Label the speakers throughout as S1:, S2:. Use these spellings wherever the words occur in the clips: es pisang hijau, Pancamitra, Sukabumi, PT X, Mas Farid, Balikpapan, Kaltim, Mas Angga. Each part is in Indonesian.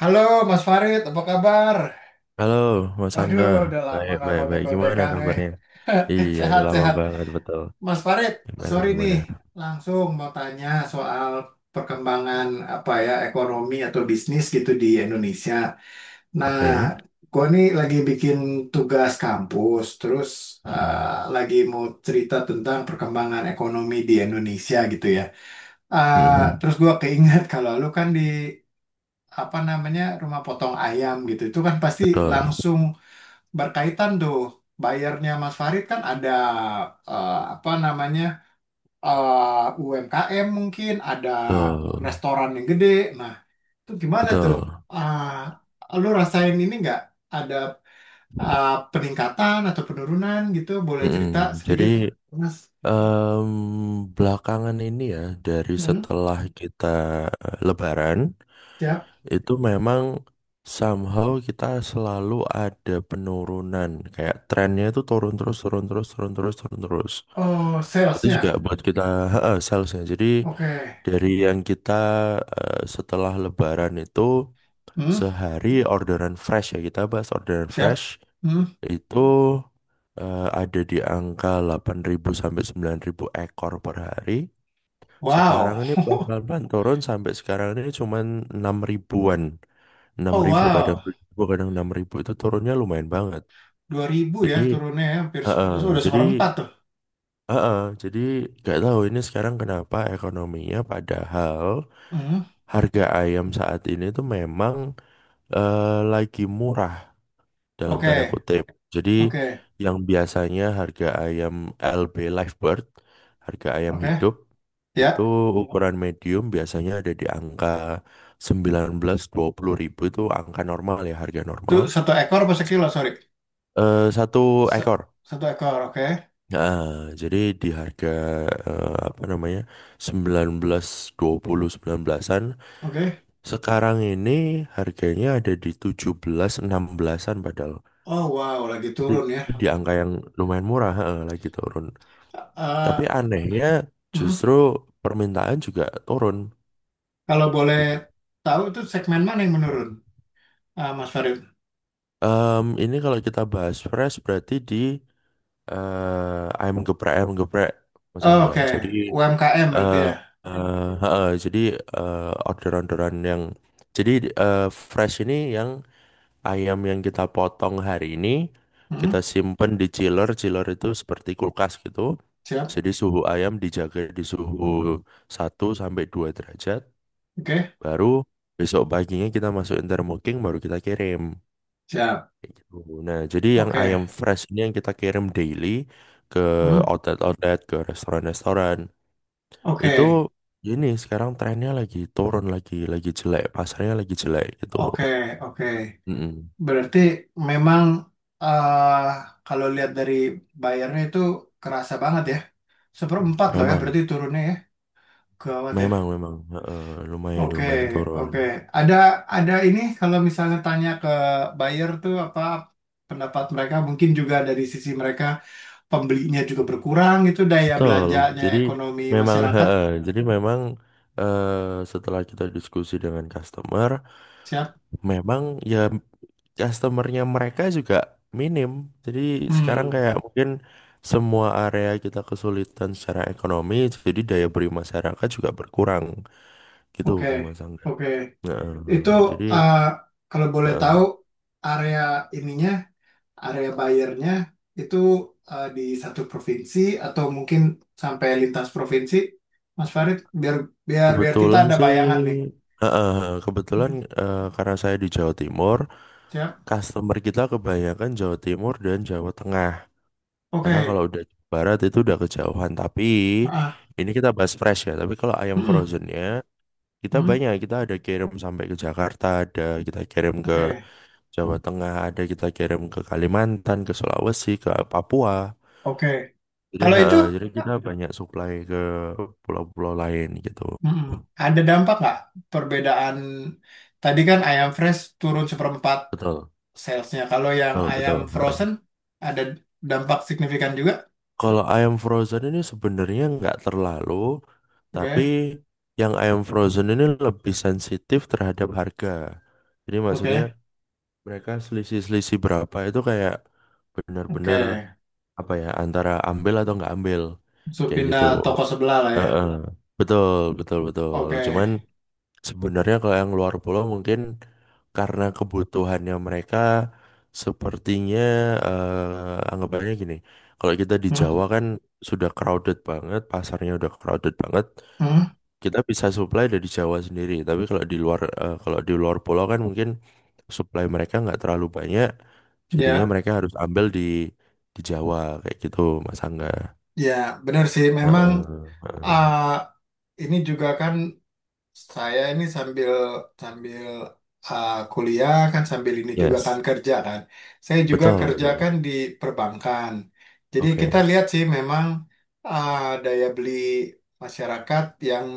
S1: Halo Mas Farid, apa kabar?
S2: Halo, Mas
S1: Waduh,
S2: Angga.
S1: udah lama
S2: Baik,
S1: nggak
S2: baik, baik. Gimana
S1: kontek-kontekan, eh.
S2: kabarnya? Iya, udah lama
S1: Sehat-sehat.
S2: banget, betul.
S1: Mas Farid,
S2: Gimana,
S1: sorry nih,
S2: gimana?
S1: langsung mau tanya soal perkembangan apa ya ekonomi atau bisnis gitu di Indonesia. Nah,
S2: Oke.
S1: gua nih lagi bikin tugas kampus, terus
S2: Mm-mm.
S1: lagi mau cerita tentang perkembangan ekonomi di Indonesia gitu ya.
S2: Mm-mm.
S1: Terus gua keinget kalau lu kan di apa namanya rumah potong ayam gitu, itu kan pasti
S2: Betul,
S1: langsung berkaitan tuh bayarnya Mas Farid kan ada apa namanya UMKM mungkin ada
S2: betul,
S1: restoran yang gede. Nah, itu gimana tuh?
S2: betul.
S1: Ah, lu rasain ini nggak ada peningkatan atau penurunan gitu? Boleh cerita
S2: Mm-mm. Jadi,
S1: sedikit, Mas?
S2: em, belakangan ini ya, dari
S1: Hmm,
S2: setelah kita Lebaran,
S1: siap.
S2: itu memang somehow kita selalu ada penurunan. Kayak trennya itu turun terus, turun terus, turun terus, turun terus.
S1: Oh,
S2: Itu juga
S1: salesnya.
S2: buat kita, heeh, salesnya. Jadi,
S1: Oke.
S2: dari yang kita setelah Lebaran itu
S1: Hmm,
S2: sehari orderan fresh, ya kita bahas orderan fresh,
S1: siap. Hmm,
S2: itu ada di angka 8.000 sampai 9.000 ekor per hari. Sekarang
S1: wow.
S2: ini pelan-pelan turun sampai sekarang ini cuma 6 ribuan. 6
S1: Oh,
S2: ribu kadang
S1: wow.
S2: 7.000, kadang 6 ribu, itu turunnya lumayan banget.
S1: 2.000 ya
S2: Jadi,
S1: turunnya ya, hampir
S2: heeh.
S1: sudah
S2: Jadi,
S1: seperempat tuh.
S2: heeh. Jadi, nggak tahu ini sekarang kenapa ekonominya, padahal
S1: Hmm.
S2: harga ayam saat ini tuh memang eh, lagi murah dalam tanda
S1: Oke,
S2: kutip. Jadi
S1: Oke,
S2: yang biasanya harga ayam LB Livebird, harga ayam
S1: oke,
S2: hidup, itu
S1: ya.
S2: ukuran medium biasanya ada di angka 19-20 ribu, itu angka normal ya, harga
S1: Itu
S2: normal.
S1: satu ekor apa sekilo? Sorry,
S2: Satu
S1: Se-
S2: ekor.
S1: satu ekor. Oke,
S2: Nah, jadi di harga apa namanya, 19, 20, 19-an.
S1: oke.
S2: Sekarang ini harganya ada di tujuh belas enam belasan padahal.
S1: Oh wow, lagi
S2: Itu
S1: turun ya.
S2: di angka yang lumayan murah, heeh, lagi turun.
S1: Eh,
S2: Tapi anehnya
S1: mm,
S2: justru permintaan juga turun
S1: Kalau boleh
S2: gitu.
S1: tahu itu segmen mana yang menurun, Mas Farid?
S2: Ini kalau kita bahas fresh berarti di ayam geprek, ayam geprek, Mas
S1: Oh,
S2: Angga.
S1: oke,
S2: Jadi,
S1: UMKM berarti
S2: eh
S1: ya.
S2: heeh. Jadi, orderan-orderan yang, jadi, eh, fresh ini yang ayam, yang kita potong hari ini, kita
S1: Mm,
S2: simpen di chiller. Chiller itu seperti kulkas gitu.
S1: siap,
S2: Jadi suhu ayam dijaga di suhu satu sampai 2 derajat.
S1: oke,
S2: Baru besok paginya kita masukin thermooking, baru kita kirim.
S1: siap,
S2: Kayak gitu. Nah, jadi yang
S1: oke,
S2: ayam fresh ini yang kita kirim daily ke
S1: mm,
S2: outlet-outlet, ke restoran-restoran.
S1: oke,
S2: Itu, ini sekarang trennya lagi turun lagi jelek. Pasarnya lagi jelek gitu.
S1: oke, oke.
S2: Mm-mm.
S1: Berarti memang eh, kalau lihat dari bayarnya itu kerasa banget ya. Seperempat loh ya,
S2: Memang.
S1: berarti turunnya ya. Gawat ya.
S2: Memang, memang heeh, lumayan,
S1: Oke,
S2: lumayan turun.
S1: oke. Ada ada ini kalau misalnya tanya ke buyer tuh apa pendapat mereka, mungkin juga dari sisi mereka pembelinya juga berkurang itu daya
S2: Betul.
S1: belanjanya
S2: Jadi,
S1: ekonomi
S2: memang,
S1: masyarakat.
S2: heeh. Jadi, memang, setelah kita diskusi dengan customer,
S1: Siap?
S2: memang ya, customernya mereka juga minim. Jadi sekarang
S1: Hmm,
S2: kayak mungkin semua area kita kesulitan secara ekonomi, jadi daya beli masyarakat juga berkurang gitu,
S1: oke,
S2: Mas Angga.
S1: oke.
S2: Heeh,
S1: Itu
S2: jadi
S1: eh, kalau boleh tahu
S2: heeh.
S1: area ininya, area bayarnya itu di satu provinsi atau mungkin sampai lintas provinsi, Mas Farid, biar biar biar kita
S2: Kebetulan
S1: ada
S2: sih,
S1: bayangan nih.
S2: eh, eh, kebetulan,
S1: Hmm,
S2: karena saya di Jawa Timur,
S1: siap?
S2: customer kita kebanyakan Jawa Timur dan Jawa Tengah. Karena kalau
S1: Oke.
S2: udah Jawa Barat itu udah kejauhan. Tapi
S1: Ah,
S2: ini kita bahas fresh ya. Tapi kalau ayam
S1: mm-mm,
S2: frozennya, kita
S1: mm,
S2: banyak. Kita ada kirim sampai ke Jakarta, ada kita kirim ke
S1: oke.
S2: Jawa Tengah, ada kita kirim ke Kalimantan, ke Sulawesi, ke Papua.
S1: Oke.
S2: Jadi,
S1: Kalau itu
S2: jadi kita banyak supply ke pulau-pulau lain gitu.
S1: mm-mm, ada dampak nggak perbedaan tadi kan ayam fresh turun seperempat
S2: Betul,
S1: salesnya. Kalau yang
S2: betul,
S1: ayam
S2: betul.
S1: frozen ada dampak signifikan juga.
S2: Kalau ayam frozen ini sebenarnya nggak terlalu, tapi
S1: Oke.
S2: yang ayam frozen ini lebih sensitif terhadap harga. Jadi maksudnya
S1: Oke.
S2: mereka selisih-selisih berapa itu kayak benar-benar
S1: Oke.
S2: apa ya, antara ambil atau nggak ambil
S1: Langsung
S2: kayak gitu.
S1: pindah toko sebelah lah ya.
S2: Heeh. Betul, betul, betul.
S1: Oke.
S2: Cuman, sebenarnya kalau yang luar pulau mungkin karena kebutuhannya mereka sepertinya, anggapannya gini. Kalau kita di
S1: Hmm,
S2: Jawa kan sudah crowded banget, pasarnya udah crowded banget.
S1: hmm,
S2: Kita bisa supply dari Jawa sendiri. Tapi kalau di luar, kalau di luar pulau kan mungkin supply mereka nggak terlalu banyak. Jadinya
S1: ya.
S2: mereka harus ambil di Jawa kayak gitu, Mas Angga.
S1: Ya, benar sih. Memang
S2: Heeh, heeh.
S1: ah, ini juga kan. Saya ini sambil sambil kuliah kan sambil ini juga kan
S2: Yes,
S1: kerja kan. Saya juga
S2: betul,
S1: kerja
S2: betul.
S1: kan di perbankan. Jadi kita
S2: Oke,
S1: lihat sih memang uh, daya beli masyarakat yang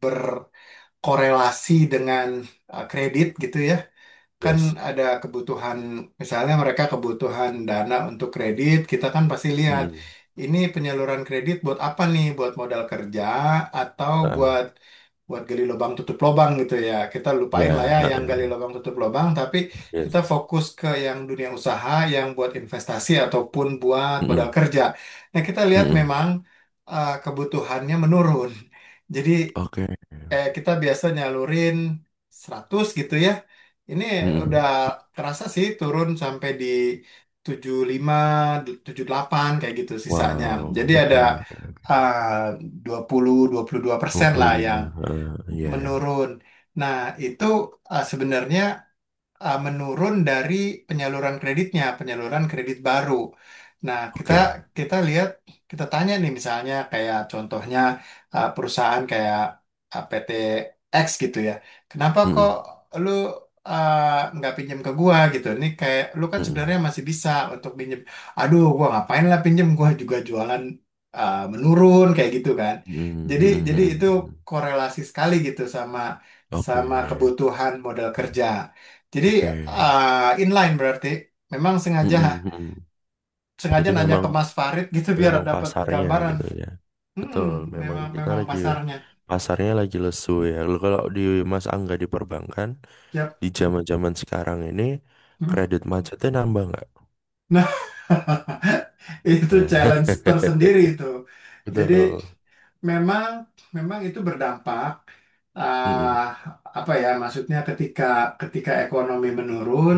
S1: berkorelasi dengan kredit gitu ya. Kan
S2: yes.
S1: ada kebutuhan misalnya mereka kebutuhan dana untuk kredit, kita kan pasti lihat
S2: Mm-mm.
S1: ini penyaluran kredit buat apa nih? Buat modal kerja atau
S2: Heeh.
S1: buat buat gali lubang tutup lubang gitu ya. Kita lupain lah
S2: Ya,
S1: ya yang gali
S2: heeh.
S1: lubang tutup lubang, tapi kita
S2: Yes.
S1: fokus ke yang dunia usaha, yang buat investasi ataupun buat modal
S2: Mm-mm,
S1: kerja. Nah, kita lihat
S2: mm-mm.
S1: memang kebutuhannya menurun. Jadi
S2: Oke.
S1: kita biasa nyalurin 100 gitu ya. Ini udah
S2: Mm-mm.
S1: kerasa sih turun sampai di tujuh 75 78 kayak gitu sisanya.
S2: Wow.
S1: Jadi ada
S2: Oke, oke.
S1: eh, 22% lah yang
S2: 25. Heeh. Iya, ya.
S1: menurun. Nah, itu sebenarnya menurun dari penyaluran kreditnya, penyaluran kredit baru. Nah, kita
S2: Oke.
S1: kita lihat, kita tanya nih misalnya kayak contohnya perusahaan kayak PT X gitu ya. Kenapa kok
S2: Mm-mm,
S1: lu uh, nggak pinjam ke gua gitu? Ini kayak lu kan
S2: mm-mm,
S1: sebenarnya masih bisa untuk pinjam. Aduh, gua ngapain lah pinjam? Gua juga jualan menurun kayak gitu kan.
S2: mm-mm,
S1: Jadi
S2: mm-mm,
S1: jadi itu
S2: mm-mm.
S1: korelasi sekali gitu sama
S2: Oke.
S1: sama kebutuhan modal kerja. Jadi
S2: Oke.
S1: inline berarti memang sengaja
S2: Mm-mm, mm-mm.
S1: sengaja
S2: Berarti
S1: nanya
S2: memang
S1: ke Mas Farid gitu biar
S2: memang
S1: dapat
S2: pasarnya
S1: gambaran.
S2: gitu ya.
S1: Hmm,
S2: Betul, memang
S1: memang
S2: kita
S1: memang
S2: lagi,
S1: pasarnya.
S2: pasarnya lagi lesu ya. Lalu kalau di Mas Angga di perbankan
S1: Yap.
S2: di zaman-zaman sekarang ini,
S1: Hmm.
S2: kredit macetnya nambah nggak?
S1: Nah, itu
S2: Nah.
S1: challenge tersendiri itu. Jadi
S2: Betul.
S1: memang memang itu berdampak ah,
S2: Mm-mm.
S1: apa ya maksudnya ketika ketika ekonomi menurun,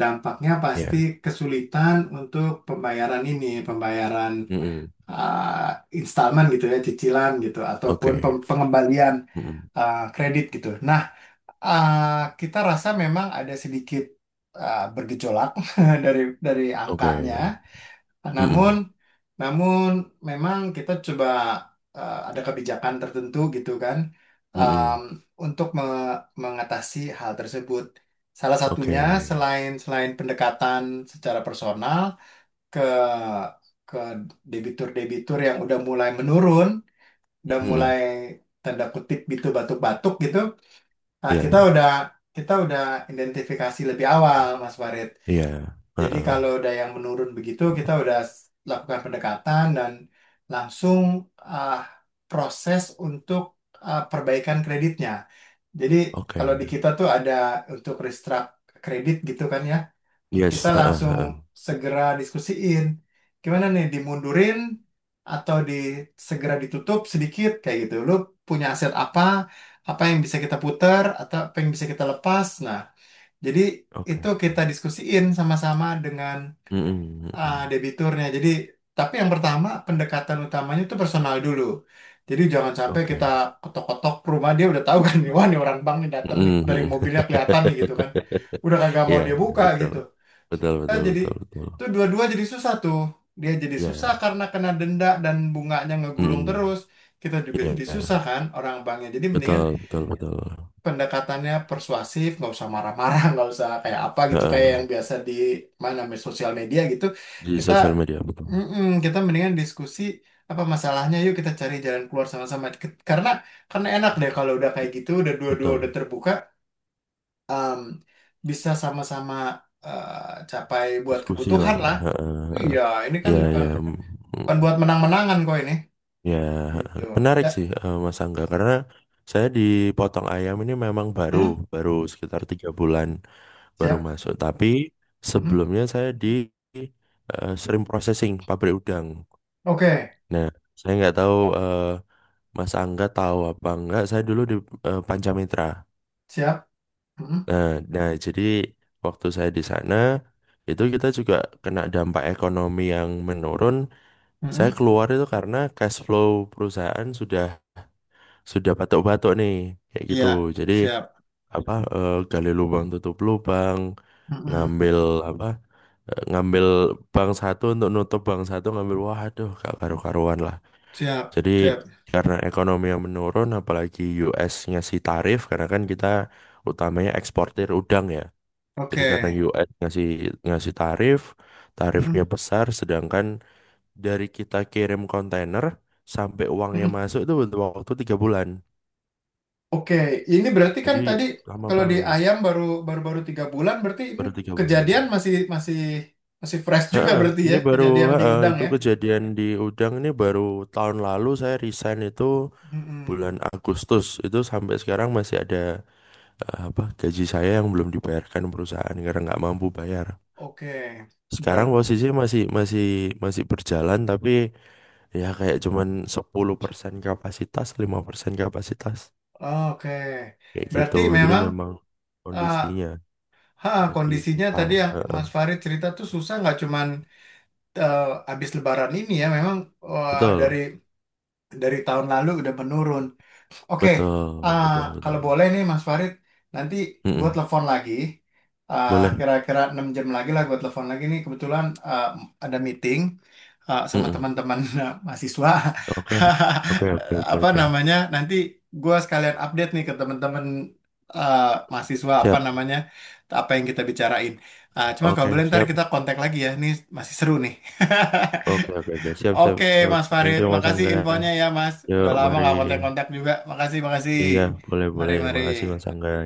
S1: dampaknya pasti
S2: Ya.
S1: kesulitan untuk pembayaran ini, pembayaran
S2: Mm-mm.
S1: eh, installment gitu ya, cicilan gitu, ataupun
S2: Oke.
S1: pem- pengembalian
S2: Mm-mm.
S1: kredit gitu. Nah, kita rasa memang ada sedikit bergejolak dari angkanya.
S2: Oke.
S1: Namun,
S2: Mm-mm.
S1: namun, memang kita coba ada kebijakan tertentu gitu kan, em,
S2: Mm-mm.
S1: untuk me- mengatasi hal tersebut. Salah
S2: Oke.
S1: satunya selain selain pendekatan secara personal ke ke debitur-debitur yang udah mulai menurun, udah
S2: Mm-mm.
S1: mulai tanda kutip gitu batuk-batuk gitu. Nah,
S2: Ya.
S1: kita udah identifikasi lebih awal, Mas Farid.
S2: Iya.
S1: Jadi
S2: Heeh.
S1: kalau udah yang menurun begitu, kita udah s- lakukan pendekatan dan langsung ah, proses untuk perbaikan kreditnya. Jadi kalau
S2: Oke.
S1: di kita tuh ada untuk restruct kredit gitu kan ya kita
S2: Yes. Heeh.
S1: langsung
S2: Heeh.
S1: segera diskusiin. Gimana nih, dimundurin atau di segera ditutup sedikit kayak gitu. Lu punya aset apa? Apa yang bisa kita putar atau apa yang bisa kita lepas? Nah, jadi itu
S2: Oke.
S1: kita diskusiin sama-sama dengan
S2: Mm-mm. Mm-mm.
S1: debiturnya. Jadi, tapi yang pertama pendekatan utamanya itu personal dulu. Jadi jangan sampai kita
S2: Oke.
S1: ketok-ketok rumah dia udah tahu kan, nih, wah nih orang bank nih datang nih dari
S2: Mm-mm.
S1: mobilnya kelihatan nih gitu kan. Udah kagak
S2: Ya,
S1: mau dia
S2: ya,
S1: buka
S2: betul.
S1: gitu.
S2: Betul. Betul.
S1: Jadi
S2: Betul. Betul.
S1: tuh dua-dua jadi susah tuh. Dia jadi susah
S2: Ya.
S1: karena kena denda dan bunganya ngegulung
S2: Mm-mm.
S1: terus. Kita juga
S2: Ya,
S1: jadi susah
S2: ya.
S1: kan orang banknya. Jadi mendingan
S2: Betul. Betul. Betul.
S1: pendekatannya persuasif, nggak usah marah-marah, nggak usah kayak apa gitu kayak
S2: Heeh.
S1: yang biasa di mana namanya, sosial media gitu.
S2: Di
S1: Kita
S2: sosial media. Betul.
S1: mm-mm, kita mendingan diskusi apa masalahnya yuk kita cari jalan keluar sama-sama. Karena enak deh kalau udah kayak gitu, udah dua-dua udah
S2: Betul.
S1: terbuka, em, bisa sama-sama capai buat
S2: Diskusi
S1: kebutuhan
S2: lah.
S1: lah.
S2: Heeh, heeh.
S1: Iya, ini kan
S2: Ya.
S1: bukan
S2: Ya.
S1: bukan buat menang-menangan kok ini.
S2: Ya,
S1: Gitu.
S2: heeh, menarik
S1: Ya.
S2: sih, Mas Angga, karena saya di Potong Ayam ini memang baru
S1: Hmm?
S2: baru sekitar 3 bulan baru
S1: Siap.
S2: masuk. Tapi
S1: Mm-mm.
S2: sebelumnya saya di shrimp processing, pabrik udang.
S1: Oke,
S2: Nah, saya nggak tahu Mas Angga tahu apa enggak. Saya dulu di Pancamitra.
S1: siap. Mm-mm.
S2: Nah, nah, jadi waktu saya di sana itu kita juga kena dampak ekonomi yang menurun. Saya
S1: Mm-mm.
S2: keluar itu karena cash flow perusahaan sudah batuk-batuk nih kayak gitu.
S1: Iya,
S2: Jadi,
S1: siap.
S2: apa, gali lubang tutup lubang,
S1: Mm-mm.
S2: ngambil apa, ngambil bank satu untuk nutup bank satu, ngambil, waduh, gak karu-karuan lah.
S1: Siap,
S2: Jadi
S1: siap.
S2: karena ekonomi yang menurun, apalagi US ngasih tarif, karena kan kita utamanya eksportir udang ya. Jadi karena
S1: Oke.
S2: US ngasih ngasih tarif, tarifnya
S1: Mm-mm.
S2: besar, sedangkan dari kita kirim kontainer sampai uangnya
S1: Mm-mm.
S2: masuk itu butuh waktu 3 bulan.
S1: Oke, ini berarti kan
S2: Jadi
S1: tadi
S2: lama
S1: kalau di
S2: banget,
S1: ayam baru baru baru 3 bulan berarti ini
S2: baru 3 bulan.
S1: kejadian masih masih masih fresh juga
S2: Heeh,
S1: berarti ya
S2: ini baru
S1: kejadian di
S2: heeh,
S1: udang
S2: itu
S1: ya.
S2: kejadian di Udang ini baru tahun lalu. Saya resign itu
S1: Mm-mm.
S2: bulan Agustus. Itu sampai sekarang masih ada apa, gaji saya yang belum dibayarkan perusahaan karena nggak mampu bayar.
S1: Oke,
S2: Sekarang
S1: berat.
S2: posisi masih masih masih berjalan, tapi ya kayak cuman 10% kapasitas, 5% kapasitas
S1: Oke,
S2: kayak gitu.
S1: berarti
S2: Jadi
S1: memang.
S2: memang
S1: uh,
S2: kondisinya
S1: Ha,
S2: lagi
S1: kondisinya
S2: susah.
S1: tadi yang
S2: Heeh.
S1: Mas Farid cerita tuh susah nggak cuman eh, habis Lebaran ini ya memang eh, dari
S2: Betul.
S1: dari tahun lalu udah menurun. Oke,
S2: Betul,
S1: ah,
S2: betul,
S1: kalau
S2: betul.
S1: boleh nih Mas Farid, nanti gue
S2: Mm-mm.
S1: telepon lagi. Ah,
S2: Boleh.
S1: kira-kira 6 jam lagi lah gue telepon lagi nih. Kebetulan ada meeting sama
S2: Mm-mm.
S1: teman-teman mahasiswa.
S2: Oke. Oke, oke, oke,
S1: Apa
S2: oke.
S1: namanya? Nanti gue sekalian update nih ke teman-teman ah, mahasiswa apa
S2: Siap.
S1: namanya, apa yang kita bicarain. Ah, cuma kalau
S2: Oke,
S1: boleh ntar
S2: siap.
S1: kita kontak lagi ya. Ini masih seru nih.
S2: Oke, oke, oke. Siap, siap,
S1: Oke,
S2: siap.
S1: Mas
S2: Thank
S1: Farid,
S2: you, Mas
S1: makasih
S2: Angga.
S1: infonya ya, Mas.
S2: Yuk,
S1: Udah lama
S2: mari.
S1: nggak kontak-kontak juga. Makasih, makasih.
S2: Iya, boleh,
S1: Mari,
S2: boleh. Makasih, Mas
S1: mari.
S2: Angga. Ya